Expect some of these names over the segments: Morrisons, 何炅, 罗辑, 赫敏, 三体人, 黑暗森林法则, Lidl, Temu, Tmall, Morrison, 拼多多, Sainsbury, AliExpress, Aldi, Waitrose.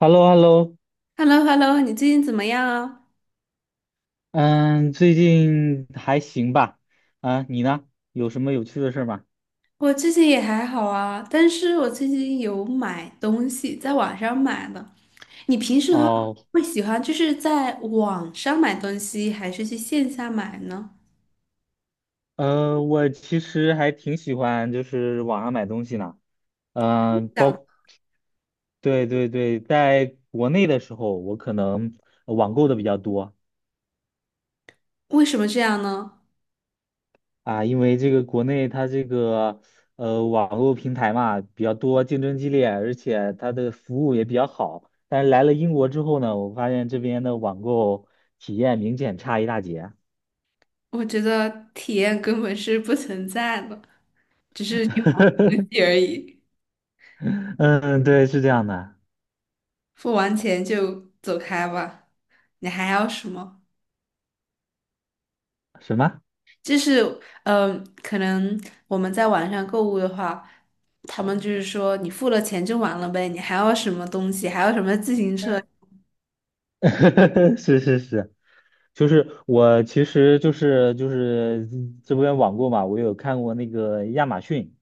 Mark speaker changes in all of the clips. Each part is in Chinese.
Speaker 1: h e l l o h e l l o
Speaker 2: h e l l o h e l l o 你最近怎么样啊？
Speaker 1: 嗯，最近还行吧？啊，你呢？有什么有趣的事儿吗？
Speaker 2: 我最近也还好啊，但是我最近有买东西，在网上买的。你平时的话
Speaker 1: 哦，
Speaker 2: 会喜欢就是在网上买东西，还是去线下买呢？
Speaker 1: 我其实还挺喜欢就是网上买东西呢。嗯，包，
Speaker 2: 想
Speaker 1: 对对对，在国内的时候，我可能网购的比较多。
Speaker 2: 为什么这样呢？
Speaker 1: 啊，因为这个国内它这个网络平台嘛比较多，竞争激烈，而且它的服务也比较好。但是来了英国之后呢，我发现这边的网购体验明显差一大截。
Speaker 2: 我觉得体验根本是不存在的，游戏 而已，
Speaker 1: 嗯，对，是这样的。
Speaker 2: 付完钱就走开吧。你还要什么？
Speaker 1: 什么？
Speaker 2: 就是可能我们在网上购物的话，他们就是说你付了钱就完了呗，你还要什么东西，还要什么自行车？
Speaker 1: 嗯 是是是，就是我其实就是这边网购嘛，我有看过那个亚马逊。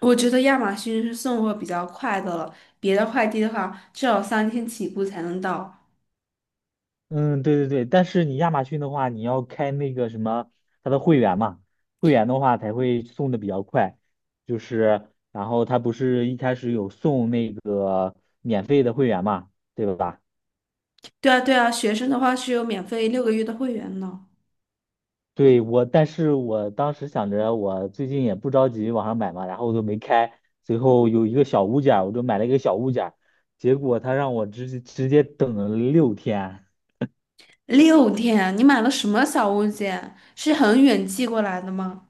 Speaker 2: 我觉得亚马逊是送货比较快的了，别的快递的话至少3天起步才能到。
Speaker 1: 嗯，对对对，但是你亚马逊的话，你要开那个什么，它的会员嘛，会员的话才会送的比较快。就是，然后它不是一开始有送那个免费的会员嘛，对吧？
Speaker 2: 对啊，对啊，学生的话是有免费6个月的会员呢。
Speaker 1: 对我，但是我当时想着，我最近也不着急网上买嘛，然后我就没开。最后有一个小物件儿我就买了一个小物件儿结果他让我直接等了六天。
Speaker 2: 6天啊，你买了什么小物件？是很远寄过来的吗？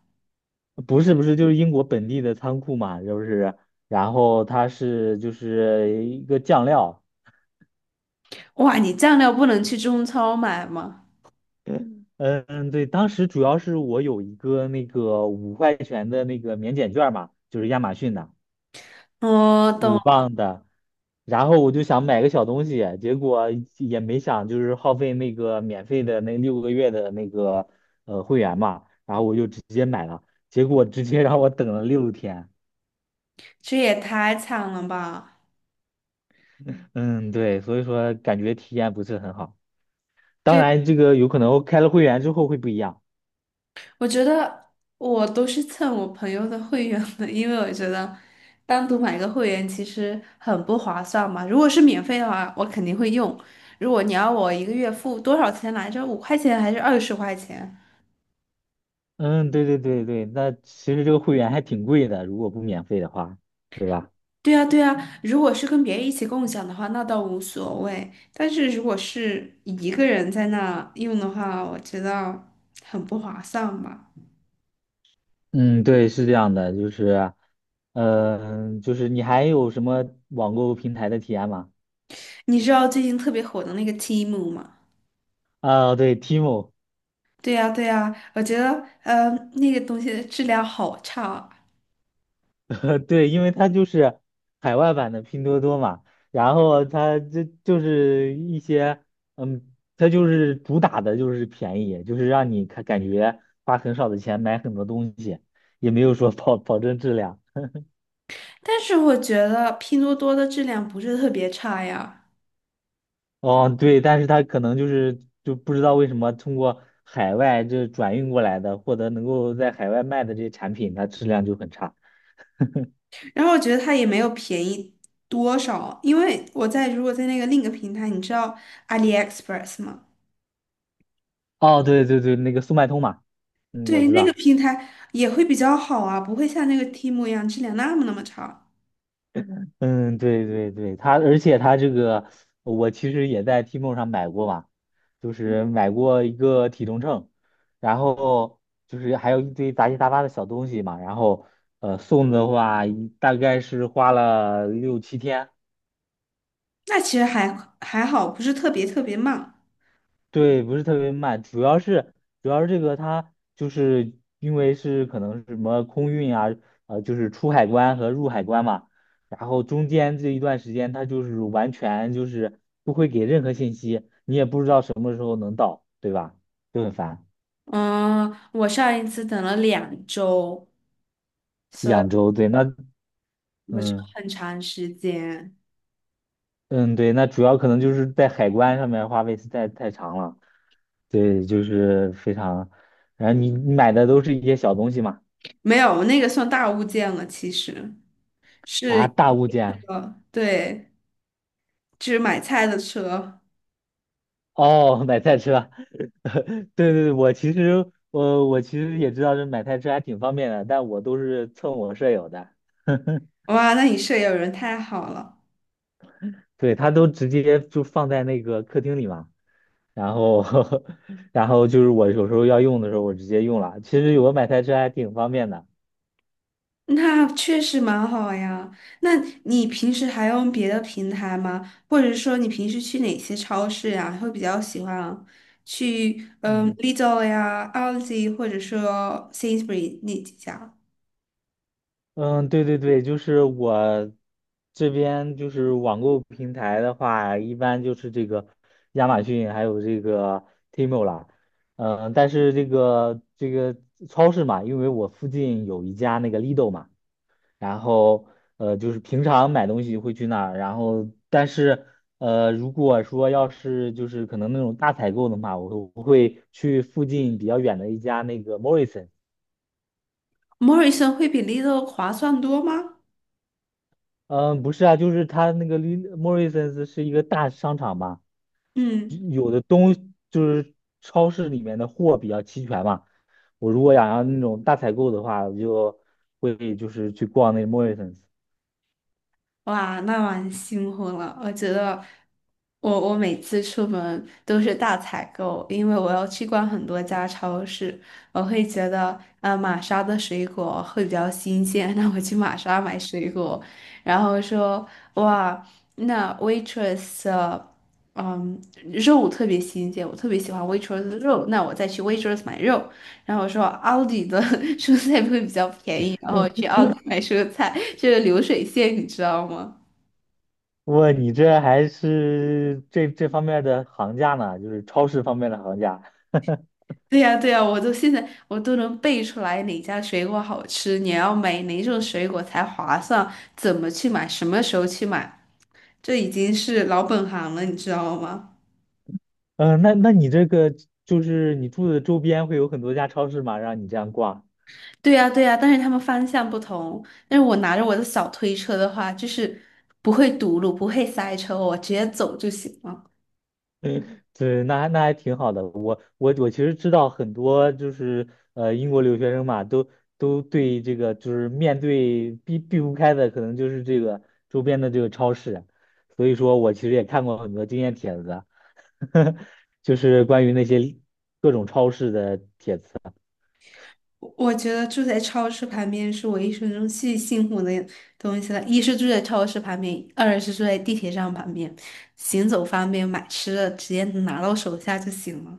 Speaker 1: 不是不是，就是英国本地的仓库嘛，就是，然后它是就是一个酱料，
Speaker 2: 哇，你酱料不能去中超买吗？
Speaker 1: 嗯嗯，对，当时主要是我有一个那个五块钱的那个免检券嘛，就是亚马逊的
Speaker 2: 我懂，
Speaker 1: 五磅的，然后我就想买个小东西，结果也没想就是耗费那个免费的那六个月的那个会员嘛，然后我就直接买了，结果直接让我等了六天，
Speaker 2: 这也太惨了吧！
Speaker 1: 嗯，对，所以说感觉体验不是很好。当然，这个有可能开了会员之后会不一样。
Speaker 2: 我觉得我都是蹭我朋友的会员的，因为我觉得单独买一个会员其实很不划算嘛。如果是免费的话，我肯定会用。如果你要我一个月付多少钱来着？5块钱还是20块钱？
Speaker 1: 嗯，对对对对，那其实这个会员还挺贵的，如果不免费的话。
Speaker 2: 对呀，对呀。如果是跟别人一起共享的话，那倒无所谓。但是如果是一个人在那用的话，我觉得很不划算吧。
Speaker 1: 嗯，对，是这样的，就是，就是你还有什么网购平台的体验吗？
Speaker 2: 你知道最近特别火的那个 Temu 吗？
Speaker 1: 啊，对，Timo，
Speaker 2: 对呀，对呀，我觉得呃，那个东西的质量好差啊。
Speaker 1: 对，因为它就是海外版的拼多多嘛，然后它这就是一些，嗯，它就是主打的就是便宜，就是让你看感觉花很少的钱买很多东西，也没有说保证质量。
Speaker 2: 但是我觉得拼多多的质量不是特别差呀，
Speaker 1: 哦，对，但是他可能就不知道为什么通过海外这转运过来的，或者能够在海外卖的这些产品，它质量就很差。
Speaker 2: 然后我觉得它也没有便宜多少，因为我在如果在那个另一个平台，你知道 AliExpress 吗？
Speaker 1: 哦，对对对，那个速卖通嘛，嗯，我
Speaker 2: 对，
Speaker 1: 知
Speaker 2: 那个
Speaker 1: 道，
Speaker 2: 平台也会比较好啊，不会像那个 Temu 一样质量那么那么差。
Speaker 1: 嗯，对对对，它而且这个我其实也在 Tmall 上买过嘛，就是买过一个体重秤，然后就是还有一堆杂七杂八的小东西嘛，然后送的话一大概是花了六七天。
Speaker 2: 那其实还好，不是特别特别慢。
Speaker 1: 对，不是特别慢，主要是这个它就是因为是可能是什么空运啊，就是出海关和入海关嘛，然后中间这一段时间它就是完全就是不会给任何信息，你也不知道什么时候能到，对吧？就很烦。
Speaker 2: 嗯，我上一次等了2周，所以
Speaker 1: 两周，对，那
Speaker 2: 不是
Speaker 1: 嗯
Speaker 2: 很长时间。
Speaker 1: 嗯对，那主要可能就是在海关上面花费实在太长了，对，就是非常，然后你买的都是一些小东西嘛，
Speaker 2: 没有，那个算大物件了，其实是
Speaker 1: 啊，
Speaker 2: 一
Speaker 1: 大物件。
Speaker 2: 个，对，就是买菜的车。
Speaker 1: 哦，买菜车，对对对，我其实也知道这买菜车还挺方便的，但我都是蹭我舍友的，
Speaker 2: 哇，那你舍友人太好了，
Speaker 1: 对他都直接就放在那个客厅里嘛，然后 然后就是我有时候要用的时候我直接用了，其实有个买菜车还挺方便的，
Speaker 2: 那确实蛮好呀。那你平时还用别的平台吗？或者说你平时去哪些超市呀？会比较喜欢去
Speaker 1: 嗯。
Speaker 2: Lidl 呀、Aldi 或者说 Sainsbury 那几家
Speaker 1: 嗯，对对对，就是我这边就是网购平台的话，一般就是这个亚马逊还有这个 Temu 啦。嗯，但是这个超市嘛，因为我附近有一家那个 Lidl 嘛，然后就是平常买东西会去那儿，然后但是如果说要是就是可能那种大采购的话，我会去附近比较远的一家那个 m o r r i s o n
Speaker 2: ？Morrison 会比 Lidl 划算多吗？
Speaker 1: 嗯，不是啊，就是他那个 Morrisons 是一个大商场嘛，
Speaker 2: 嗯。
Speaker 1: 有的东就是超市里面的货比较齐全嘛。我如果想要那种大采购的话，我就会就是去逛那个 Morrisons。
Speaker 2: 哇，那蛮辛苦了。我觉得我每次出门都是大采购，因为我要去逛很多家超市。我会觉得，玛莎的水果会比较新鲜，那我去玛莎买水果。然后说，哇，那 Waitrose 的嗯，肉特别新鲜，我特别喜欢 Waitrose 的肉，那我再去 Waitrose 买肉。然后我说奥迪的 蔬菜会比较便宜，然后去奥迪买蔬菜，这个流水线你知道吗？
Speaker 1: 哇，你这还是这方面的行家呢，就是超市方面的行家。
Speaker 2: 对呀，对呀，我都现在我都能背出来哪家水果好吃，你要买哪种水果才划算，怎么去买，什么时候去买，这已经是老本行了，你知道吗？
Speaker 1: 嗯，那你这个就是你住的周边会有很多家超市吗？让你这样逛？
Speaker 2: 对呀，对呀，但是他们方向不同。但是我拿着我的小推车的话，就是不会堵路，不会塞车，我直接走就行了。
Speaker 1: 对，那还挺好的。我其实知道很多，就是英国留学生嘛，都对这个就是面对避不开的，可能就是这个周边的这个超市。所以说我其实也看过很多经验帖子啊，就是关于那些各种超市的帖子。
Speaker 2: 我觉得住在超市旁边是我一生中最幸福的东西了。一是住在超市旁边，二是住在地铁站旁边，行走方便，买吃的直接拿到手下就行了。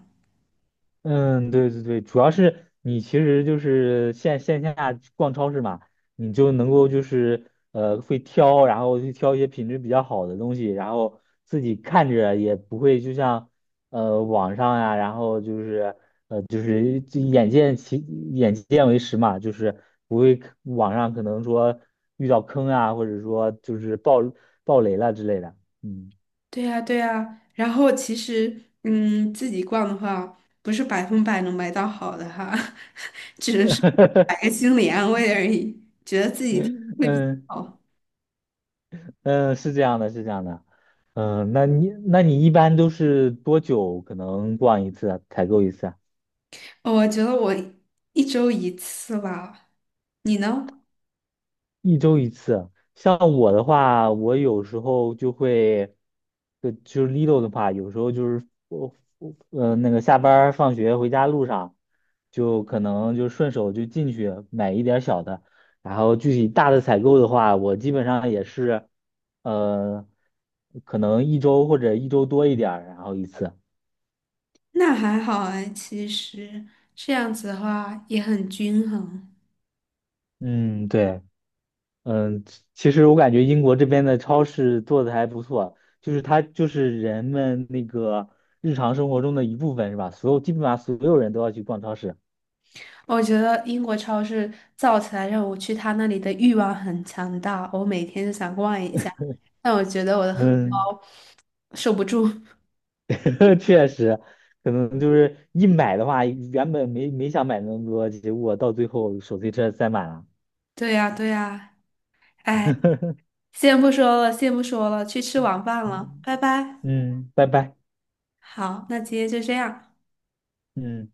Speaker 1: 嗯，对对对，主要是你其实就是线下逛超市嘛，你就能够就是会挑，然后去挑一些品质比较好的东西，然后自己看着也不会就像网上呀、然后就是就眼见为实嘛，就是不会网上可能说遇到坑啊，或者说就是爆雷了之类的，嗯
Speaker 2: 对呀，对呀。然后其实，自己逛的话，不是百分百能买到好的哈，只能是买个 心理安慰而已，觉得自己挺
Speaker 1: 嗯。
Speaker 2: 好。
Speaker 1: 嗯，是这样的，是这样的。嗯，那你一般都是多久可能逛一次啊采购一次啊？
Speaker 2: 我觉得我一周一次吧，你呢？
Speaker 1: 一周一次啊。像我的话，我有时候就会，就是 Lido 的话，有时候就是我那个下班儿放学回家路上，就可能就顺手就进去买一点儿小的，然后具体大的采购的话，我基本上也是，呃，可能一周或者一周多一点儿，然后一次。
Speaker 2: 那还好哎，其实这样子的话也很均衡。
Speaker 1: 嗯，对。嗯，其实我感觉英国这边的超市做的还不错，就是它就是人们那个日常生活中的一部分，是吧？基本上所有人都要去逛超市。
Speaker 2: 我觉得英国超市造起来让我去他那里的欲望很强大，我每天就想逛一下，但我觉得我的荷
Speaker 1: 嗯，
Speaker 2: 包受不住。
Speaker 1: 确实，可能就是一买的话，原本没想买那么多，结果到最后手推车塞满了。
Speaker 2: 对呀，对呀，哎，先不说了，先不说了，去吃晚饭了，拜拜。
Speaker 1: 嗯，拜拜。
Speaker 2: 好，那今天就这样。
Speaker 1: 嗯。